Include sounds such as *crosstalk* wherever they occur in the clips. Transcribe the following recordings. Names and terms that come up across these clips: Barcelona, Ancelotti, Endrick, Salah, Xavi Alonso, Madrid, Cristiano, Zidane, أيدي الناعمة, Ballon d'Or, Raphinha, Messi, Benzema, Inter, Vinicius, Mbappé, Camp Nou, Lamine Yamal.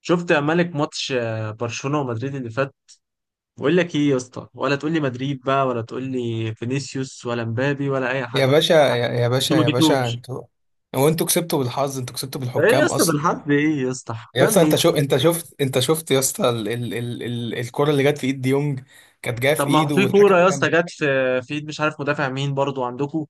شفت يا مالك ماتش برشلونة ومدريد اللي فات. بقول لك ايه يا اسطى؟ ولا تقول لي مدريد بقى، ولا تقول لي فينيسيوس ولا مبابي ولا اي حد. يا باشا يا باشا انتوا ما يا باشا جيتوش. انتوا. هو انتوا كسبتوا بالحظ، انتوا كسبتوا ايه يا بالحكام اسطى اصلا. بالحد، ايه يا اسطى يا حكام اسطى، ايه؟ انت شفت، يا اسطى الكرة اللي جت في ايد ديونج كانت جايه في طب ما هو ايده في كوره والحكم يا اسطى كمل. جت في في ايد مش عارف مدافع مين برضو عندكم.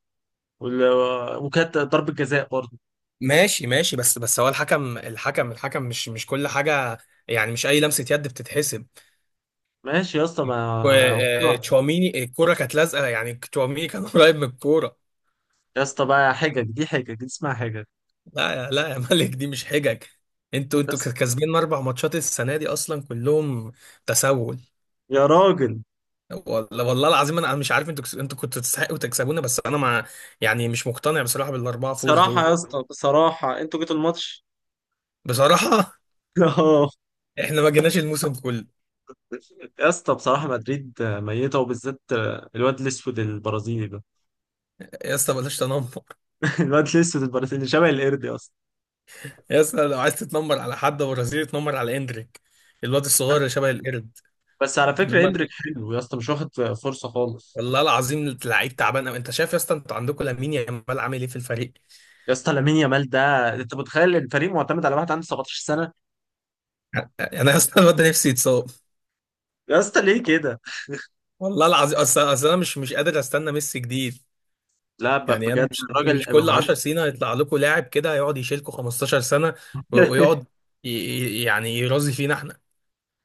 وكانت ضربه جزاء برضو. ماشي، بس هو الحكم مش كل حاجة، يعني مش أي لمسة يد بتتحسب. ماشي يا اسطى ما. تشواميني الكورة كانت لازقة، يعني تشواميني كان *laughs* قريب من الكورة. يا اسطى بقى حجج، دي حجج، دي اسمها حجج. لا يا ملك، دي مش حجج. انتوا يا انتوا اسطى، كسبانين أربع ماتشات السنة دي أصلا كلهم. تسول. يا راجل، والله العظيم انا مش عارف، انتوا كنتوا تستحقوا تكسبونا، بس انا مع، يعني مش مقتنع بصراحه بالاربعه فوز بصراحه دول. يا اسطى، بصراحه انتوا جيتوا الماتش. بصراحه *laughs* *laughs* احنا ما جيناش الموسم كله. يا اسطى بصراحة مدريد ميتة، وبالذات الواد الأسود البرازيلي ده. يا اسطى بلاش تنمر. *laughs* الواد الأسود البرازيلي شبه القرد يا اسطى. يا اسطى لو عايز تتنمر على حد برازيلي اتنمر على اندريك، الواد الصغير اللي شبه القرد. بس على فكرة انما إندريك ال- حلو يا اسطى، مش واخد فرصة خالص. والله العظيم لعيب تعبان أوي. انت شايف يا اسطى، انتوا عندكم لامين يامال عامل ايه في الفريق. يا اسطى لامين يامال ده، أنت متخيل الفريق معتمد على واحد عنده 17 سنة؟ *laughs* انا يا اسطى الواد ده نفسي يتصاب. يا اسطى ليه كده؟ والله العظيم، اصل انا مش قادر استنى ميسي جديد. لا، يعني انا بجد مش الراجل مش أبقى كل مهندس. 10 سنين هيطلع لكم لاعب كده هيقعد يشيلكم 15 سنه ويقعد، *laughs* يعني يرازي فينا احنا.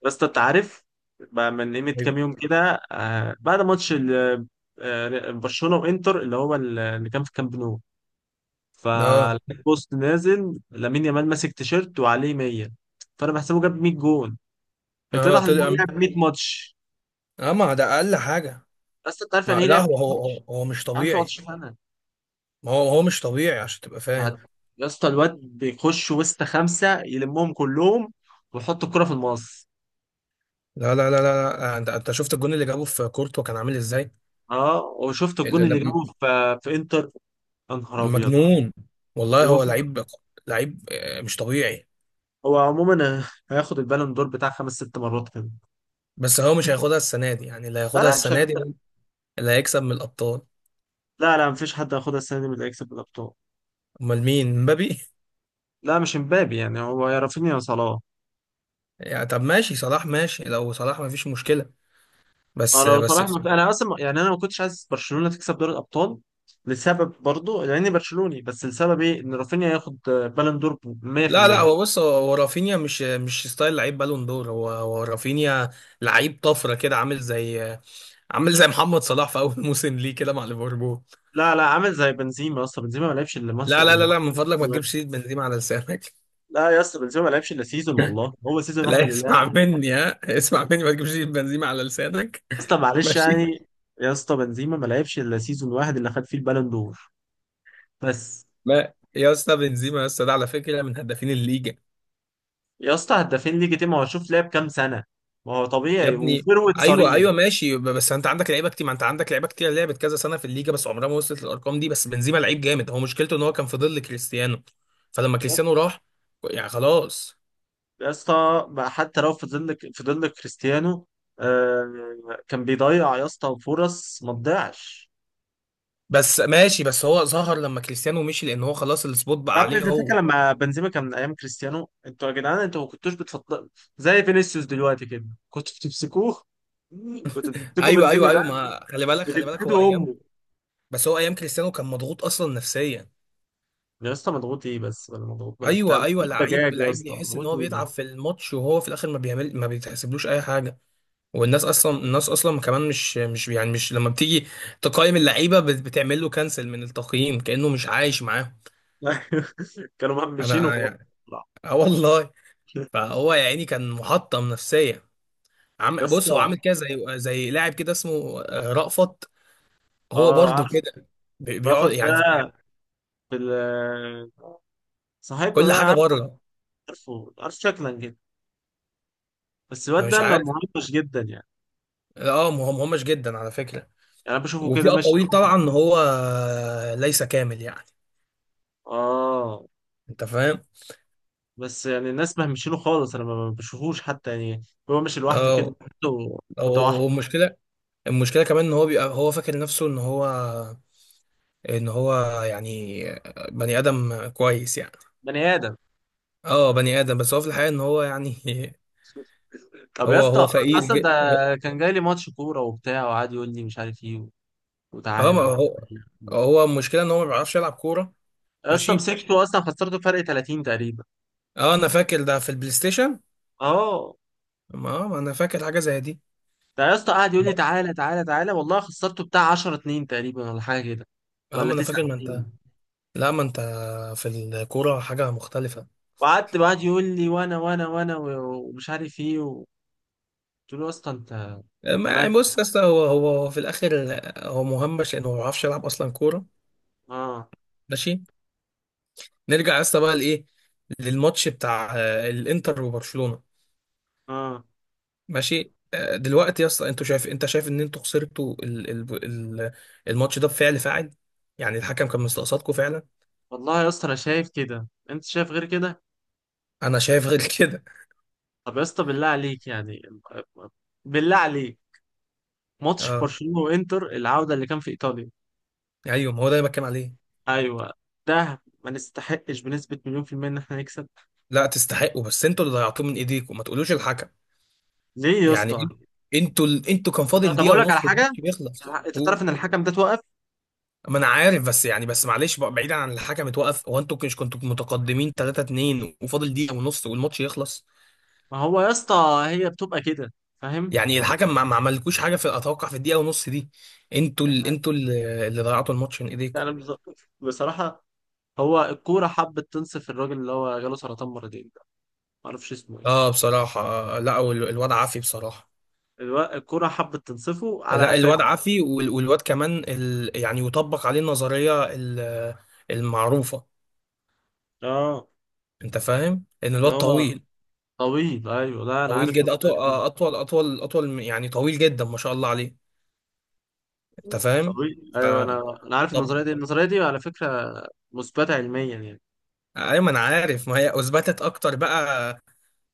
يا اسطى أنت عارف بقى من قيمة ايوه. كام يوم كده، بعد ماتش برشلونة وإنتر، اللي هو اللي كان في كامب نو، اه. فلقيت بوست نازل لامين يامال ماسك تيشيرت وعليه 100. فانا بحسبه جاب 100 جون، اه اتضح ان هو طلع. لعب 100 ماتش. اه، ما ده اقل حاجه. بس انت عارف ما يعني ايه لا، لعب هو 100 هو ماتش؟ هو هو مش عنده طبيعي. 17 سنه. ما هو مش طبيعي عشان تبقى هت- فاهم. يا اسطى الواد بيخش وسط خمسه يلمهم كلهم ويحط الكره في المقص. لا لا لا لا لا، انت شفت الجون اللي جابه في كورتوا كان عامل ازاي. اه، وشفت ال- الجون اللي ال- جابه في في انتر؟ يا نهار ابيض. مجنون. والله جابه هو في- لعيب. لعيب، مش طبيعي. هو عموما هياخد البالون دور بتاع خمس ست مرات كده. بس هو مش هياخدها السنه دي، يعني اللي لا هياخدها لا مش السنه دي هياخدها. اللي هيكسب من الابطال. لا لا، مفيش حد هياخدها السنه دي من اللي هيكسب الابطال. امال مين، مبابي؟ لا، مش امبابي. يعني هو يا رافينيا يا صلاح. يعني طب ماشي، صلاح ماشي، لو صلاح مفيش مشكلة. اه، بس لو بس صلاح ما في. انا اصلا يعني انا ما كنتش عايز برشلونه تكسب دوري الابطال لسبب برضو، لاني برشلوني، بس السبب ايه؟ ان رافينيا ياخد بالون دور. لا لا، 100%. هو بص، هو رافينيا مش ستايل لعيب بالون دور. هو رافينيا لعيب طفرة كده، عامل زي محمد صلاح في أول *laughs* موسم ليه كده مع ليفربول. لا لا، عامل زي بنزيما. اصلا بنزيما ما لعبش الا ماتش لا لا لا الا. لا، من فضلك ما تجيبش سيرة بنزيما على لسانك. لا يا اسطى، بنزيما ما لعبش الا سيزون، *laughs* والله هو سيزون واحد لا، اللي لعب. يا اسمع مني، ما تجيبش سيرة بنزيما على لسانك. اسطى *laughs* معلش ماشي. يعني. يا اسطى بنزيما ما لعبش الا سيزون واحد اللي خد فيه البالون دور، بس. ما يا اسطى بنزيما، يا اسطى ده على فكرة من هدافين الليجا. يا اسطى هدافين ليج تيم؟ هو شوف لعب كام سنه. ما هو يا طبيعي ابني، وفيرويد ايوه صريح. ايوه ماشي، بس انت عندك لعيبه كتير ما انت عندك لعيبه كتير لعبت كذا سنه في الليجا، بس عمرها ما وصلت للارقام دي. بس بنزيما لعيب جامد، هو مشكلته ان هو كان في ظل كريستيانو. فلما كريستيانو راح، يعني خلاص. يا اسطى بقى، حتى لو فضل لك، فضل لك كريستيانو. آه، كان بيضيع يا اسطى فرص ما تضيعش. بس ماشي، بس هو ظهر لما كريستيانو مشي لان هو خلاص السبوت يا بقى ابني عليه انت فاكر هو. لما بنزيما كان من ايام كريستيانو، انتوا يا جدعان انتوا ما كنتوش بتفضل زي فينيسيوس دلوقتي كده. كنتوا بتمسكوه، كنتوا بتمسكوا ايوه ايوه بنزيما ده، ايوه، ما خلي بالك هو بتديله ايام، امه. بس هو ايام كريستيانو كان مضغوط اصلا نفسيا. يا اسطى مضغوط ايه بس؟ ولا مضغوط ولا بتاع، ايوه ايوه، مضغوط دجاج. لعيب يا لعيب اسطى بيحس ان مضغوط هو ايه بس؟ بيتعب في الماتش، وهو في الاخر ما بيتحسبلوش اي حاجه. والناس اصلا الناس اصلا كمان مش مش يعني مش لما بتيجي تقيم اللعيبه بتعمل له كنسل من التقييم كانه مش عايش معاهم. *laughs* كانوا مهمشين انا وخلاص. يعني، اه والله، يا فهو يا عيني كان محطم نفسيا. عم بص هو اسطى. عامل كده زي لاعب كده اسمه رأفت. هو اه، برضو عارف. كده. رافر بيقعد ده، يعني في صاحبنا كل حاجه ده، بره. عارفه، عارف شكلا جدا. بس الواد أنا مش ده عارف. مهمش جدا يعني. اه مهم همش جدا على فكره. يعني انا بشوفه وفي كده ماشي. اقاويل طبعا ان هو ليس كامل، يعني اه، انت فاهم. بس يعني الناس مهمشينه خالص، انا ما بشوفوش حتى يعني. هو ماشي لوحده كده اه. حتى. متوحد. والمشكله، المشكله كمان ان هو بيبقى هو فاكر نفسه ان هو، ان هو، يعني بني ادم كويس يعني. بني ادم. اه بني ادم، بس هو في الحقيقه ان هو يعني *laughs* طب يا هو اسطى، فقير اصلا ده جدا. كان جاي لي ماتش كوره وبتاع، وقعد يقول لي مش عارف ايه، اه وتعالى ما هو، هو المشكله ان هو ما بيعرفش يلعب كوره. يا اسطى ماشي. مسكته، اصلا خسرته فرق 30 تقريبا. اه انا فاكر ده في البلاي ستيشن. اه، ما انا فاكر حاجه زي دي. ده يا اسطى قعد يقول لي تعالى تعالى تعالى، والله خسرته بتاع 10 2 تقريبا، ولا حاجه كده، اه ولا ما انا 9. فاكر، ما انت. لا ما انت، في الكوره حاجه مختلفه. وقعدت بعد يقول لي وانا ومش عارف ايه. وقلت له يا اسطى انت، انت ما مالك. بص يا اسطى، هو في الاخر هو مهمش لانه ما بيعرفش يلعب اصلا كوره. اه. ماشي. نرجع يا اسطى بقى لايه، للماتش بتاع الانتر وبرشلونة. اه ماشي، دلوقتي يا اسطى، انت شايف ان انتوا خسرتوا ال... الماتش ده بفعل فاعل، يعني الحكم كان مستقصدكم فعلا. والله. يا اسطى انا شايف كده، انت شايف غير كده. انا شايف غير *laughs* كده. طب يا اسطى بالله عليك يعني، بالله عليك، ماتش اه برشلونة وانتر العودة اللي كان في ايطاليا. ايوه، ما هو ده اللي بتكلم عليه. ايوه، ده ما نستحقش بنسبة مليون في المية ان احنا نكسب. لا تستحقوا، بس انتوا اللي ضيعتوه من ايديكم، ما تقولوش الحكم. ليه يا يعني اسطى؟ إن- انتوا كان فاضل طب دقيقة اقول لك ونص على حاجة، والماتش بيخلص انت تعرف هو. ان الحكم ده توقف. ما انا عارف، بس معلش بقى، بعيدا عن الحكم اتوقف، هو انتوا مش كنتوا متقدمين 3-2 وفاضل دقيقة ونص والماتش يخلص؟ ما هو يا اسطى هي بتبقى كده، فاهم؟ يعني الحكم ما عملكوش حاجه في اتوقع في الدقيقه ونص دي. انتوا ال... يعني انتوا ال- اللي ضيعتوا الماتش من ايديكم. انا بصراحة، هو الكورة حبت تنصف الراجل اللي هو جاله سرطان مرتين ده، معرفش اسمه ايه. اه بصراحه، لا الواد عافي بصراحه. الكورة حبت تنصفه على لا قفاه. الواد عافي، والواد كمان يعني يطبق عليه النظريه المعروفه، اه. انت فاهم، ان اللي الواد هو طويل. طويل، ايوه، لا انا طويل عارف جدا، اطول النظرية دي. يعني طويل جدا ما شاء الله عليه، انت فاهم. طويل، ف ايوه، انا انا عارف طب. النظرية دي. النظرية دي على فكرة مثبتة علميا يعني. ايوه ما انا عارف، ما هي اثبتت اكتر بقى،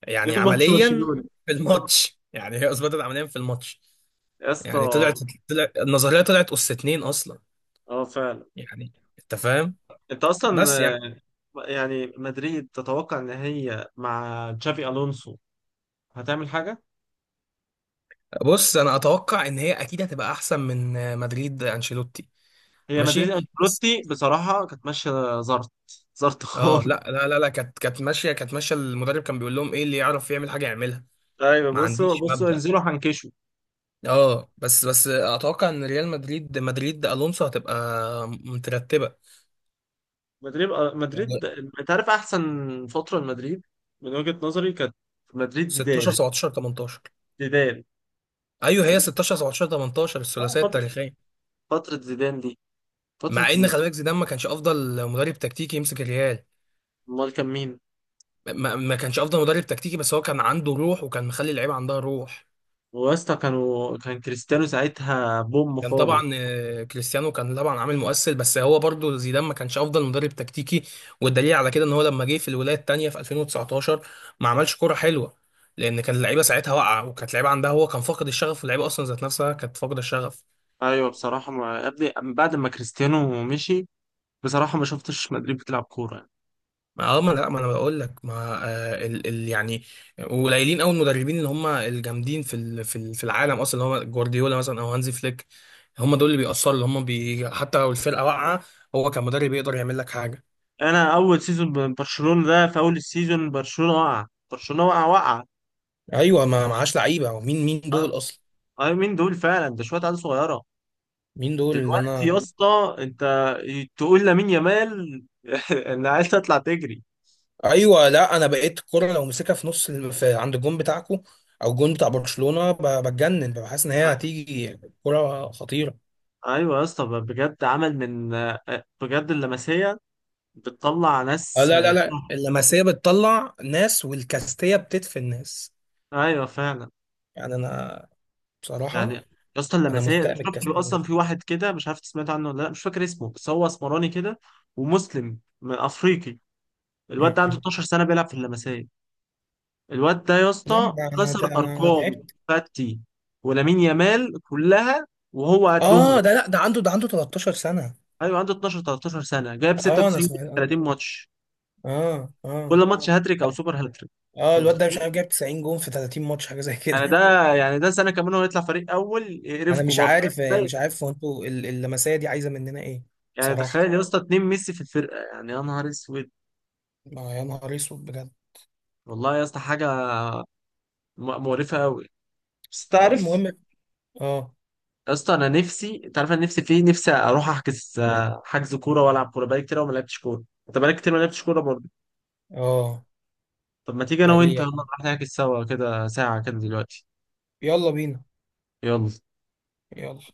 يعني يوم ماتش عمليا برشلونة، في الماتش، يعني هي اثبتت عمليا في الماتش، يا اسطى. يعني طلعت، النظريه طلعت اس اتنين اصلا، اه، فعلا. يعني انت فاهم. انت اصلا بس يعني، يعني مدريد تتوقع ان هي مع تشافي الونسو هتعمل حاجة؟ بص انا اتوقع ان هي اكيد هتبقى احسن من مدريد انشيلوتي. هي مدريد ماشي، بس انشيلوتي بصراحة كانت ماشية زرط، زرط اه خالص. لا لا لا لا، كانت ماشيه. المدرب كان بيقول لهم ايه اللي يعرف يعمل حاجه يعملها، ايوه ما بصوا عنديش بصوا، مبدأ. انزلوا هنكشوا. اه، بس اتوقع ان ريال مدريد، مدريد الونسو هتبقى مترتبه. مدريد، مدريد. انت عارف احسن فتره لمدريد من وجهه نظري كانت مدريد 16 زيدان. 17 18. زيدان. ايوه هي مدريد- 16 17 18 الثلاثيه فتره، التاريخيه. فتره زيدان دي، فتره مع ان خلي زيدان. بالك زيدان ما كانش افضل مدرب تكتيكي يمسك الريال. امال كان مين؟ ما كانش افضل مدرب تكتيكي، بس هو كان عنده روح وكان مخلي اللعيبه عندها روح. ويسطا كانوا، كان كريستيانو ساعتها بوم كان خالص. طبعا كريستيانو كان طبعا عامل مؤثر، بس هو برضه زيدان ما كانش افضل مدرب تكتيكي. والدليل على كده ان هو لما جه في الولايه الثانيه في 2019 ما عملش كوره حلوه، لان كان اللعيبه ساعتها واقعه، وكانت اللعيبه عندها، هو كان فاقد الشغف، واللعيبه اصلا ذات نفسها كانت فاقده الشغف. ايوه بصراحه، ما يا ابني من بعد ما كريستيانو مشي، بصراحه ما شفتش مدريد بتلعب كوره يعني. ما اه، ما لا، ما انا بقول لك، ما ال ال يعني قليلين قوي المدربين اللي هم الجامدين في ال في ال في العالم اصلا، اللي هم جوارديولا مثلا او هانزي فليك. هم دول اللي بيأثروا، اللي هم حتى لو الفرقه واقعه، هو كمدرب يقدر يعمل لك حاجه. انا اول سيزون برشلونه ده، في اول السيزون برشلونه وقع، برشلونه وقع. ايوه ما معاش لعيبه، ومين دول أه، اصلا. أيوة، مين دول فعلا؟ ده شويه عيال صغيره. مين دول اللي دلوقتي يا انا. اسطى انت تقول لامين يامال *laughs* انا عايز تطلع تجري. ايوه لا، انا بقيت الكره لو مسكها في نص في عند الجون بتاعكم او الجون بتاع برشلونه بتجنن، بحس ان هي أ- هتيجي كره خطيره. ايوه يا اسطى، بجد عمل من، بجد اللمسيه بتطلع ناس. لا لا لا، اللمسيه بتطلع ناس والكاستيه بتدفن ناس. *laughs* ايوه فعلا. يعني انا يعني بصراحه يا اسطى انا اللمسيه مستاء من شفت له الكاستيه دي. اصلا، في واحد كده مش عارف سمعت عنه ولا لا، مش فاكر اسمه، بس هو اسمراني كده ومسلم من افريقي. الواد ده عنده مم. 12 سنه بيلعب في اللمسيه. الواد ده يا نعم. اسطى كسر ده ارقام تعبت. فاتي ولامين يامال كلها، وهو اه قدهم. ده، لا، ده عنده 13 سنه. ايوه عنده 12 13 سنه، جايب اه انا 96 جول سمعت، في اه 30 ماتش، اه اه، كل ماتش هاتريك او سوبر هاتريك. انت الواد ده مش متخيل؟ عارف جايب 90 جون في 30 ماتش حاجه زي يعني ده، كده. يعني ده سنه كمان هو يطلع فريق اول *laughs* انا يقرفكوا مش برضه يعني، عارف، تخيل. هو، انتوا اللمسيه دي عايزه مننا ايه؟ يعني بصراحه، تخيل يا اسطى اتنين ميسي في الفرقه، يعني يا نهار اسود. ما يا نهار اسود بجد. والله يا اسطى حاجه مقرفه قوي. بس اه تعرف المهم. اه. يا اسطى، انا نفسي، انت عارف انا نفسي في إيه؟ نفسي اروح احجز حجز كوره والعب كوره، بقالي كتير أوي ما لعبتش كوره، انت بقالك كتير ما لعبتش كوره برضه. اه طب ما تيجي انا بقى ليه وانت، يلا يعني. نروح نحجز سوا كده ساعه كده دلوقتي. يلا بينا. يلا. يلا.